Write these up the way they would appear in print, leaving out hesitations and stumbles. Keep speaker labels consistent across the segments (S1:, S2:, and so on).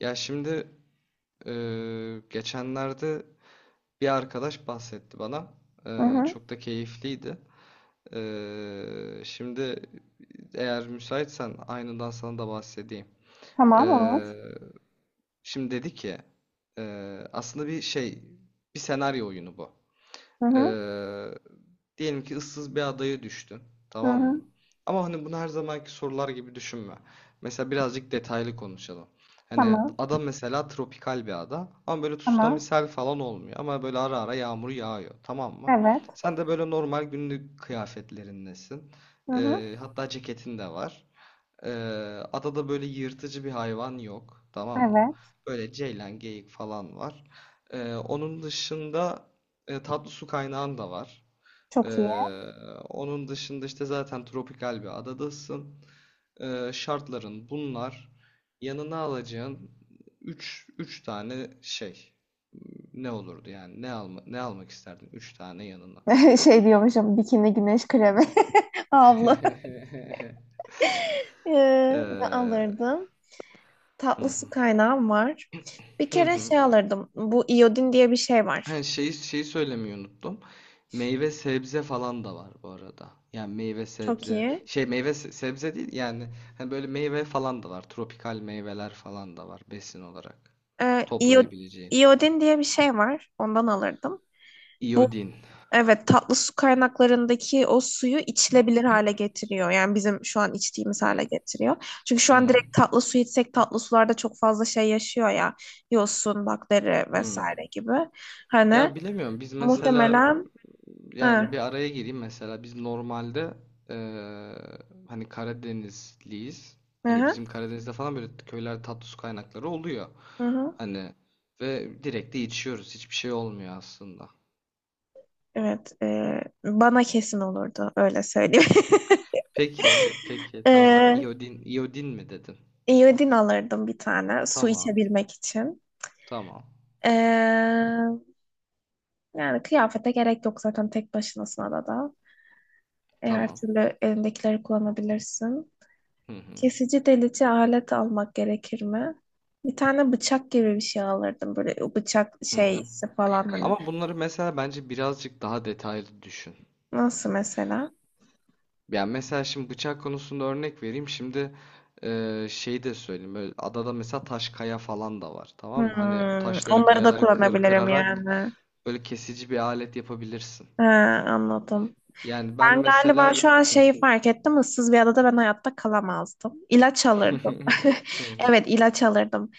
S1: Ya şimdi geçenlerde bir arkadaş bahsetti bana.
S2: Hı hı.
S1: Çok da keyifliydi. Şimdi eğer müsaitsen aynından sana da bahsedeyim.
S2: Tamam, olur.
S1: Eee, Şimdi dedi ki aslında bir şey bir senaryo oyunu bu.
S2: Hı hı.
S1: Ee, Diyelim ki ıssız bir adaya düştün.
S2: Hı
S1: Tamam mı?
S2: hı.
S1: Ama hani bunu her zamanki sorular gibi düşünme. Mesela birazcık detaylı konuşalım. Hani
S2: Tamam.
S1: ada mesela tropikal bir ada. Ama böyle
S2: Tamam.
S1: tsunamisel falan olmuyor. Ama böyle ara ara yağmur yağıyor. Tamam mı?
S2: Evet.
S1: Sen de böyle normal günlük kıyafetlerindesin.
S2: Hı hı.
S1: Hatta ceketin de var. Ee, Adada böyle yırtıcı bir hayvan yok, tamam mı?
S2: Evet.
S1: Böyle ceylan, geyik falan var. Onun dışında tatlı su kaynağın da var. Ee,
S2: Çok iyi.
S1: Onun dışında işte zaten tropikal bir adadasın. Şartların bunlar. Yanına alacağın üç tane şey. Ne olurdu yani? Ne alma, ne almak isterdin 3 tane yanına?
S2: Şey diyormuşum, bikini, güneş kremi, havlu. Ee, Ne
S1: Ee,
S2: alırdım?
S1: hı
S2: Tatlı
S1: hı,
S2: su kaynağım var. Bir
S1: hı
S2: kere
S1: hı.
S2: şey alırdım. Bu iyodin diye bir şey var.
S1: Hani şeyi söylemeyi unuttum. Meyve sebze falan da var bu arada. Yani meyve
S2: Çok
S1: sebze
S2: iyi.
S1: şey meyve sebze değil yani hani böyle meyve falan da var. Tropikal meyveler falan da var besin olarak
S2: Ee, iyo-
S1: toplayabileceğin.
S2: iyodin diye bir şey var. Ondan alırdım. Bu
S1: İyodin.
S2: evet, tatlı su kaynaklarındaki o suyu içilebilir hale getiriyor. Yani bizim şu an içtiğimiz hale
S1: Hmm,
S2: getiriyor. Çünkü şu an
S1: hmm,
S2: direkt tatlı su içsek tatlı sularda çok fazla şey yaşıyor ya. Yosun, bakteri
S1: hmm.
S2: vesaire gibi. Hani
S1: Ya bilemiyorum biz mesela
S2: muhtemelen
S1: yani bir
S2: ha,
S1: araya gireyim mesela biz normalde eee, hani Karadenizliyiz.
S2: hı
S1: Hani bizim
S2: hı,
S1: Karadeniz'de falan böyle köyler tatlı su kaynakları oluyor.
S2: hı hı.
S1: Hani ve direkt de içiyoruz. Hiçbir şey olmuyor aslında.
S2: Evet, bana kesin olurdu, öyle söyleyeyim.
S1: Peki, peki tamam.
S2: Ee,
S1: İyodin, iyodin mi dedin?
S2: iyodin alırdım bir tane, su
S1: Tamam,
S2: içebilmek için.
S1: tamam,
S2: Ee, Yani kıyafete gerek yok zaten tek başınasına da. E, her
S1: tamam.
S2: türlü elindekileri kullanabilirsin.
S1: Hı hı,
S2: Kesici delici alet almak gerekir mi? Bir tane bıçak gibi bir şey alırdım. Böyle o bıçak
S1: hı hı.
S2: şeysi falan hani.
S1: Ama bunları mesela bence birazcık daha detaylı düşün.
S2: Nasıl mesela?
S1: Ya mesela şimdi bıçak konusunda örnek vereyim. Şimdi şeyi de söyleyeyim. Böyle adada mesela taş kaya falan da var. Tamam mı? Hani o
S2: Hmm,
S1: taşları
S2: onları da
S1: kayaları
S2: kullanabilirim
S1: kırarak
S2: yani.
S1: böyle kesici bir alet yapabilirsin.
S2: He, anladım.
S1: Yani ben
S2: Ben galiba
S1: mesela
S2: şu an
S1: hı.
S2: şeyi fark ettim. Issız bir adada ben hayatta kalamazdım. İlaç alırdım.
S1: Hı hı,
S2: Evet, ilaç alırdım.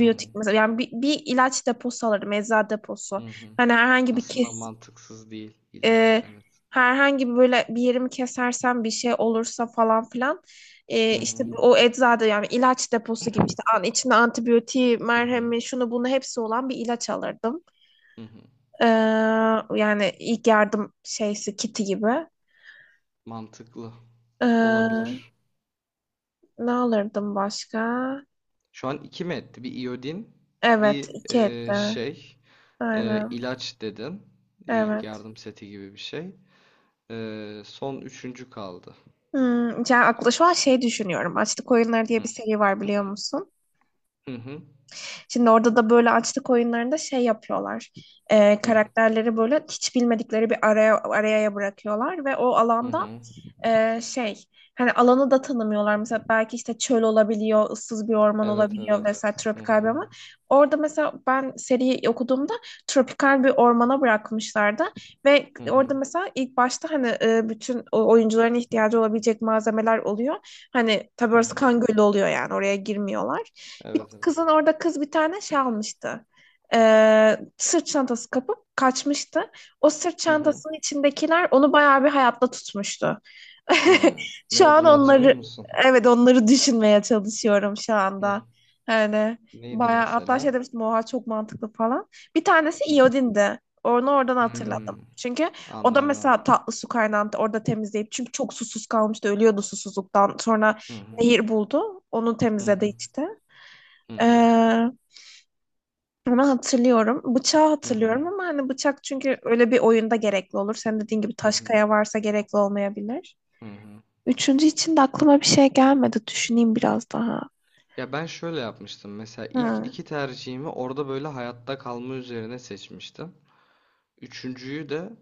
S1: hı hı,
S2: mesela. Yani bir ilaç deposu alırdım. Eczacı
S1: hı
S2: deposu.
S1: hı.
S2: Hani herhangi bir
S1: Aslında
S2: kes,
S1: mantıksız değil ilaç
S2: e,
S1: evet.
S2: herhangi bir böyle bir yerimi kesersem bir şey olursa falan filan, e,
S1: Hı
S2: işte
S1: hı,
S2: o eczada yani ilaç deposu gibi, işte an, içinde antibiyotiği,
S1: hı hı,
S2: merhemi, şunu bunu hepsi olan bir ilaç alırdım.
S1: hı hı.
S2: Ee, Yani ilk yardım şeysi, kiti gibi.
S1: Mantıklı
S2: Ee,
S1: olabilir.
S2: Ne alırdım başka?
S1: Şu an iki mi etti? Bir iodin,
S2: Evet,
S1: bir
S2: iki etti.
S1: şey.
S2: Aynen.
S1: İlaç dedin. İlk
S2: Evet.
S1: yardım seti gibi bir şey. Son üçüncü kaldı.
S2: Hmm, yani aklı şu an şey düşünüyorum. Açlık Oyunları diye bir
S1: Hı.
S2: seri var, biliyor musun?
S1: Hı hı.
S2: Şimdi orada da böyle açlık oyunlarında şey yapıyorlar.
S1: Hı.
S2: Karakterleri böyle hiç bilmedikleri bir araya bırakıyorlar ve o
S1: Hı
S2: alanda,
S1: hı.
S2: e, şey, hani alanı da tanımıyorlar. Mesela belki işte çöl olabiliyor, ıssız bir orman
S1: Evet
S2: olabiliyor
S1: evet.
S2: vesaire,
S1: Hı
S2: tropikal bir
S1: hı.
S2: orman. Orada mesela ben seriyi okuduğumda tropikal bir ormana bırakmışlardı ve
S1: Hı hı.
S2: orada mesela ilk başta hani e, bütün o- oyuncuların ihtiyacı olabilecek malzemeler oluyor. Hani tabii
S1: Hı
S2: orası
S1: hı.
S2: kan gölü oluyor, yani oraya girmiyorlar. Bir
S1: Evet evet.
S2: kızın orada, kız bir tane şey almıştı. E, sırt çantası kapıp kaçmıştı. O sırt
S1: Hı hı.
S2: çantasının içindekiler onu bayağı bir hayatta tutmuştu.
S1: Hı. Ne
S2: Şu an
S1: olduğunu hatırlıyor
S2: onları,
S1: musun?
S2: evet, onları düşünmeye çalışıyorum şu
S1: Hı.
S2: anda. Yani
S1: Neydi
S2: bayağı hatta şey
S1: mesela?
S2: demiştim, oha çok mantıklı falan. Bir tanesi
S1: Hı.
S2: iyodindi. Onu oradan hatırladım.
S1: Hmm,
S2: Çünkü o da
S1: anladım.
S2: mesela tatlı su kaynağını orada temizleyip, çünkü çok susuz kalmıştı, ölüyordu susuzluktan. Sonra
S1: Hı hı.
S2: nehir buldu. Onu
S1: Hı
S2: temizledi,
S1: hı.
S2: içti.
S1: Hı hı.
S2: Ee, Onu hatırlıyorum. Bıçağı
S1: Hı hı.
S2: hatırlıyorum ama hani bıçak çünkü öyle bir oyunda gerekli olur. Senin dediğin gibi
S1: Hı
S2: taş
S1: hı.
S2: kaya varsa gerekli olmayabilir.
S1: Hı hı.
S2: Üçüncü için de aklıma bir şey gelmedi. Düşüneyim biraz daha.
S1: Ya ben şöyle yapmıştım. Mesela ilk
S2: Ha,
S1: iki tercihimi orada böyle hayatta kalma üzerine seçmiştim. Üçüncüyü de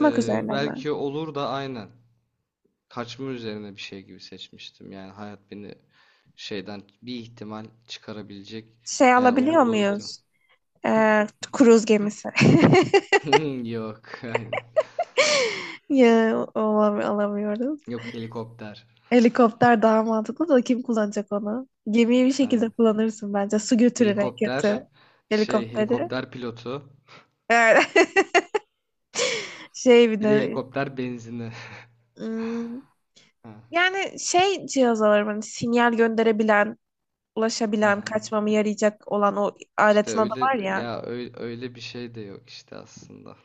S2: üzerine mi?
S1: belki olur da aynen kaçma üzerine bir şey gibi seçmiştim. Yani hayat beni şeyden bir ihtimal çıkarabilecek.
S2: Şey
S1: Yani
S2: alabiliyor
S1: olur da o ihtimal.
S2: muyuz? Kruz gemisi.
S1: Yok aynen.
S2: Ya olam- alamıyoruz.
S1: Yok helikopter.
S2: Helikopter daha mantıklı da kim kullanacak onu? Gemiyi bir şekilde
S1: Aynen.
S2: kullanırsın bence. Su götürür en
S1: Helikopter
S2: kötü.
S1: şey
S2: Helikopteri.
S1: helikopter pilotu.
S2: Evet. Şey bir
S1: Bir de
S2: de
S1: helikopter benzini.
S2: hmm,
S1: Ha,
S2: yani şey, cihaz alırım hani sinyal gönderebilen,
S1: ha,
S2: ulaşabilen,
S1: ha.
S2: kaçmamı yarayacak olan o
S1: İşte
S2: aletin adı
S1: öyle
S2: var ya.
S1: ya öyle bir şey de yok işte aslında.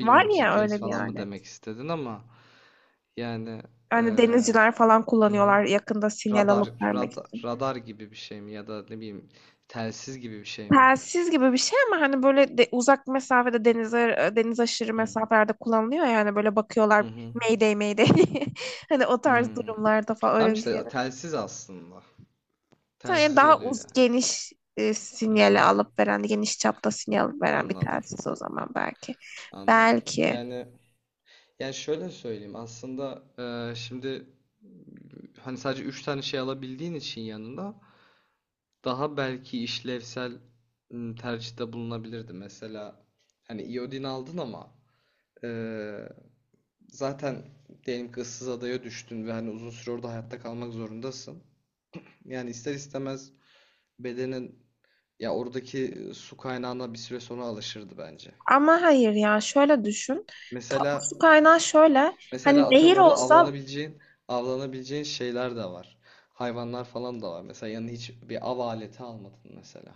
S2: Var ya
S1: GPS
S2: öyle bir
S1: falan mı
S2: alet.
S1: demek istedin ama yani
S2: Hani
S1: eee,
S2: denizciler falan
S1: hı hı.
S2: kullanıyorlar yakında sinyal alıp vermek için.
S1: Radar gibi bir şey mi ya da ne bileyim telsiz gibi bir şey mi?
S2: Telsiz gibi bir şey, ama hani böyle de uzak mesafede denize, e, deniz aşırı
S1: Hı.
S2: mesafelerde kullanılıyor. Yani böyle
S1: Hı
S2: bakıyorlar,
S1: hı.
S2: Mayday Mayday, hani o tarz
S1: Hmm.
S2: durumlarda falan
S1: Tamam
S2: öyle bir şey.
S1: işte telsiz aslında.
S2: Yani
S1: Telsiz
S2: daha
S1: oluyor
S2: uz
S1: yani.
S2: geniş, e,
S1: Hı
S2: sinyali
S1: hı.
S2: alıp veren, geniş çapta sinyal alıp veren bir
S1: Anladım.
S2: telsiz o zaman belki.
S1: Anladım.
S2: Belki
S1: Yani yani şöyle söyleyeyim aslında şimdi hani sadece 3 tane şey alabildiğin için yanında daha belki işlevsel tercihte bulunabilirdi. Mesela hani iodin aldın ama e, zaten diyelim ki ıssız adaya düştün ve hani uzun süre orada hayatta kalmak zorundasın. Yani ister istemez bedenin ya oradaki su kaynağına bir süre sonra alışırdı bence.
S2: ama hayır ya, şöyle düşün, tatlı
S1: Mesela
S2: su kaynağı şöyle, hani
S1: mesela
S2: nehir
S1: atıyorum orada
S2: olsa,
S1: avlanabileceğin şeyler de var. Hayvanlar falan da var. Mesela yanına hiç bir av aleti almadın mesela.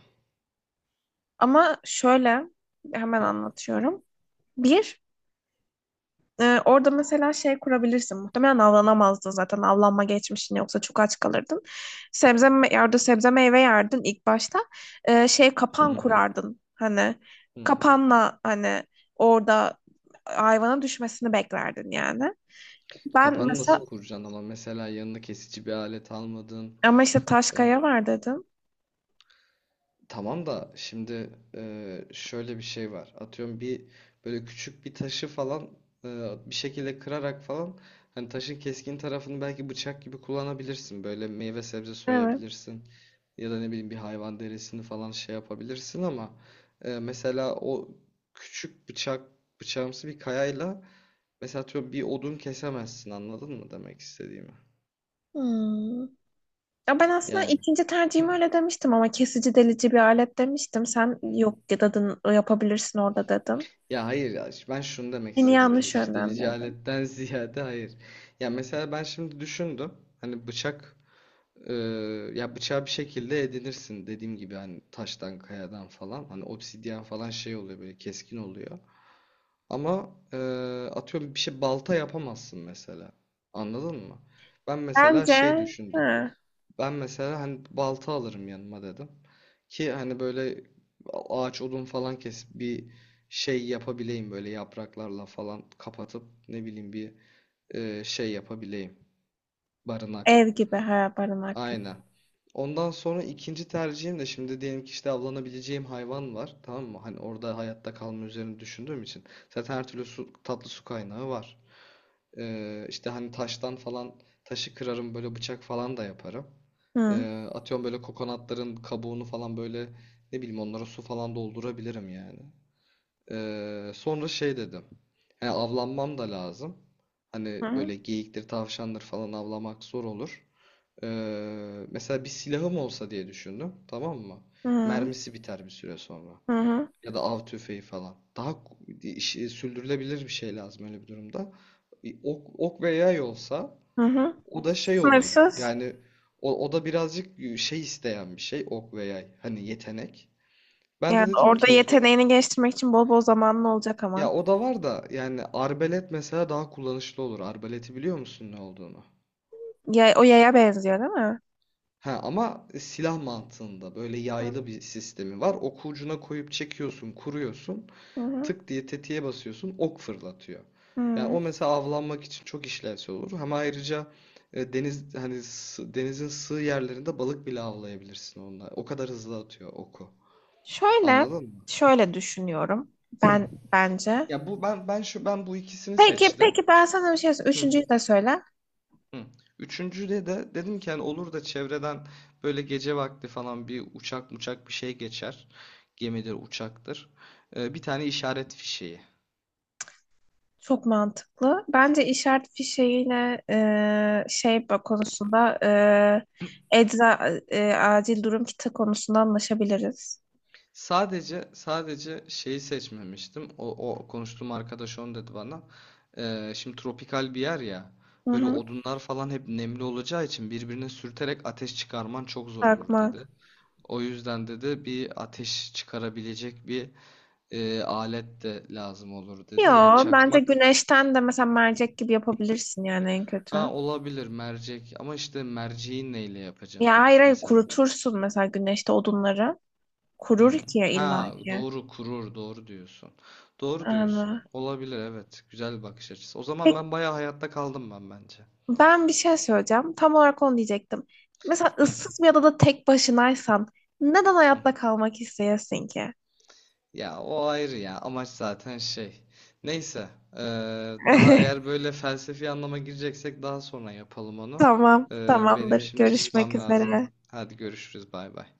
S2: ama şöyle hemen
S1: Hı.
S2: anlatıyorum. Bir, e, orada mesela şey kurabilirsin. Muhtemelen avlanamazdın zaten. Avlanma geçmişin yoksa çok aç kalırdın. Sebze, me- ya orada sebze meyve yerdin ilk başta. E, şey,
S1: Hı
S2: kapan
S1: hı.
S2: kurardın. Hani
S1: Hmm.
S2: kapanla hani orada hayvana düşmesini beklerdin yani. Ben
S1: Kapanı
S2: mesela,
S1: nasıl kuracaksın ama mesela yanına kesici bir alet almadın.
S2: ama işte taş
S1: Ee,
S2: kaya var dedim.
S1: Tamam da şimdi şöyle bir şey var. Atıyorum bir böyle küçük bir taşı falan e, bir şekilde kırarak falan hani taşın keskin tarafını belki bıçak gibi kullanabilirsin. Böyle meyve sebze
S2: Evet.
S1: soyabilirsin ya da ne bileyim bir hayvan derisini falan şey yapabilirsin ama mesela o küçük bıçağımsı bir kayayla mesela atıyorum bir odun kesemezsin anladın mı demek istediğimi?
S2: Hmm. Ya ben aslında
S1: Yani.
S2: ikinci tercihimi öyle demiştim ama kesici delici bir alet demiştim. Sen
S1: Hı.
S2: yok dedin, yapabilirsin orada dedin.
S1: Ya hayır ya ben şunu demek
S2: Beni
S1: istedim.
S2: yanlış
S1: Kesici delici
S2: yönlendirdin.
S1: aletten ziyade hayır. Ya mesela ben şimdi düşündüm. Hani bıçak e, ya bıçağı bir şekilde edinirsin dediğim gibi hani taştan kayadan falan hani obsidyen falan şey oluyor böyle keskin oluyor. Ama atıyorum bir şey balta yapamazsın mesela. Anladın mı? Ben mesela
S2: Bence
S1: şey düşündüm.
S2: ha,
S1: Ben mesela hani balta alırım yanıma dedim. Ki hani böyle ağaç odun falan kesip bir şey yapabileyim böyle yapraklarla falan kapatıp ne bileyim bir şey yapabileyim.
S2: ev
S1: Barınak.
S2: gibi, ha, barınak gibi.
S1: Aynen. Ondan sonra ikinci tercihim de şimdi diyelim ki işte avlanabileceğim hayvan var. Tamam mı? Hani orada hayatta kalma üzerine düşündüğüm için. Zaten her türlü su, tatlı su kaynağı var. İşte hani taştan falan taşı kırarım böyle bıçak falan da yaparım.
S2: Hı,
S1: Atıyorum böyle kokonatların kabuğunu falan böyle ne bileyim onlara su falan doldurabilirim yani. Sonra şey dedim. He, avlanmam da lazım. Hani
S2: hı,
S1: böyle geyiktir, tavşandır falan avlamak zor olur. Mesela bir silahım olsa diye düşündüm, tamam mı?
S2: hı,
S1: Mermisi biter bir süre sonra.
S2: hı,
S1: Ya da av tüfeği falan. Daha sürdürülebilir bir şey lazım öyle bir durumda. Ok ve yay olsa
S2: hı, hı.
S1: o da şey olur.
S2: Sınırsız.
S1: Yani o da birazcık şey isteyen bir şey ok ve yay. Hani yetenek. Ben de
S2: Yani
S1: dedim
S2: orada
S1: ki
S2: yeteneğini geliştirmek için bol bol zamanın olacak ama.
S1: ya o da var da yani arbalet mesela daha kullanışlı olur. Arbaleti biliyor musun ne olduğunu?
S2: Ya, o yaya benziyor değil mi?
S1: Ha, ama silah mantığında böyle
S2: Hı,
S1: yaylı bir sistemi var. Oku ucuna koyup çekiyorsun, kuruyorsun.
S2: hı,
S1: Tık diye tetiğe basıyorsun ok fırlatıyor. Yani
S2: hı.
S1: o mesela avlanmak için çok işlevsel olur. Hem ayrıca deniz hani denizin sığ yerlerinde balık bile avlayabilirsin onunla. O kadar hızlı atıyor oku.
S2: Şöyle,
S1: Anladın mı?
S2: şöyle düşünüyorum.
S1: Hı.
S2: Ben bence.
S1: Ya bu ben şu bu ikisini
S2: Peki,
S1: seçtim.
S2: peki, ben sana bir şey söyleyeyim.
S1: Hı.
S2: Üçüncüyü de söyle.
S1: Hı. Üçüncüde de dedim ki hani olur da çevreden böyle gece vakti falan bir uçak bir şey geçer. Gemidir, uçaktır. Bir tane işaret fişeği.
S2: Çok mantıklı. Bence işaret fişeğine, e, şey bak- konusunda, e, ecza, e, acil durum kiti konusunda anlaşabiliriz.
S1: Sadece şeyi seçmemiştim. O konuştuğum arkadaş onu dedi bana. Şimdi tropikal bir yer ya.
S2: Hı
S1: Böyle
S2: hı.
S1: odunlar falan hep nemli olacağı için birbirine sürterek ateş çıkarman çok zor olur
S2: Bakmak.
S1: dedi. O yüzden dedi bir ateş çıkarabilecek bir alet de lazım olur dedi.
S2: Yo,
S1: Yani
S2: bence
S1: çakmak
S2: güneşten de mesela mercek gibi yapabilirsin yani en kötü.
S1: ha olabilir mercek ama işte merceği neyle
S2: Ya
S1: yapacaksın
S2: hayır hayır,
S1: mesela?
S2: kurutursun mesela güneşte odunları. Kurur
S1: Hmm.
S2: ki, ya illa
S1: Ha
S2: ki.
S1: doğru kurur doğru diyorsun. Doğru diyorsun.
S2: Ama-
S1: Olabilir evet. Güzel bir bakış açısı. O zaman
S2: peki,
S1: ben bayağı hayatta kaldım ben bence.
S2: ben bir şey söyleyeceğim. Tam olarak onu diyecektim. Mesela
S1: Hı,
S2: ıssız bir adada tek başınaysan neden
S1: hı.
S2: hayatta kalmak isteyesin ki?
S1: Ya o ayrı ya. Amaç zaten şey. Neyse. Daha eğer böyle felsefi anlama gireceksek daha sonra yapalım onu.
S2: Tamam,
S1: Benim
S2: tamamdır.
S1: şimdi
S2: Görüşmek
S1: çıkmam lazım.
S2: üzere.
S1: Hadi görüşürüz. Bay bay.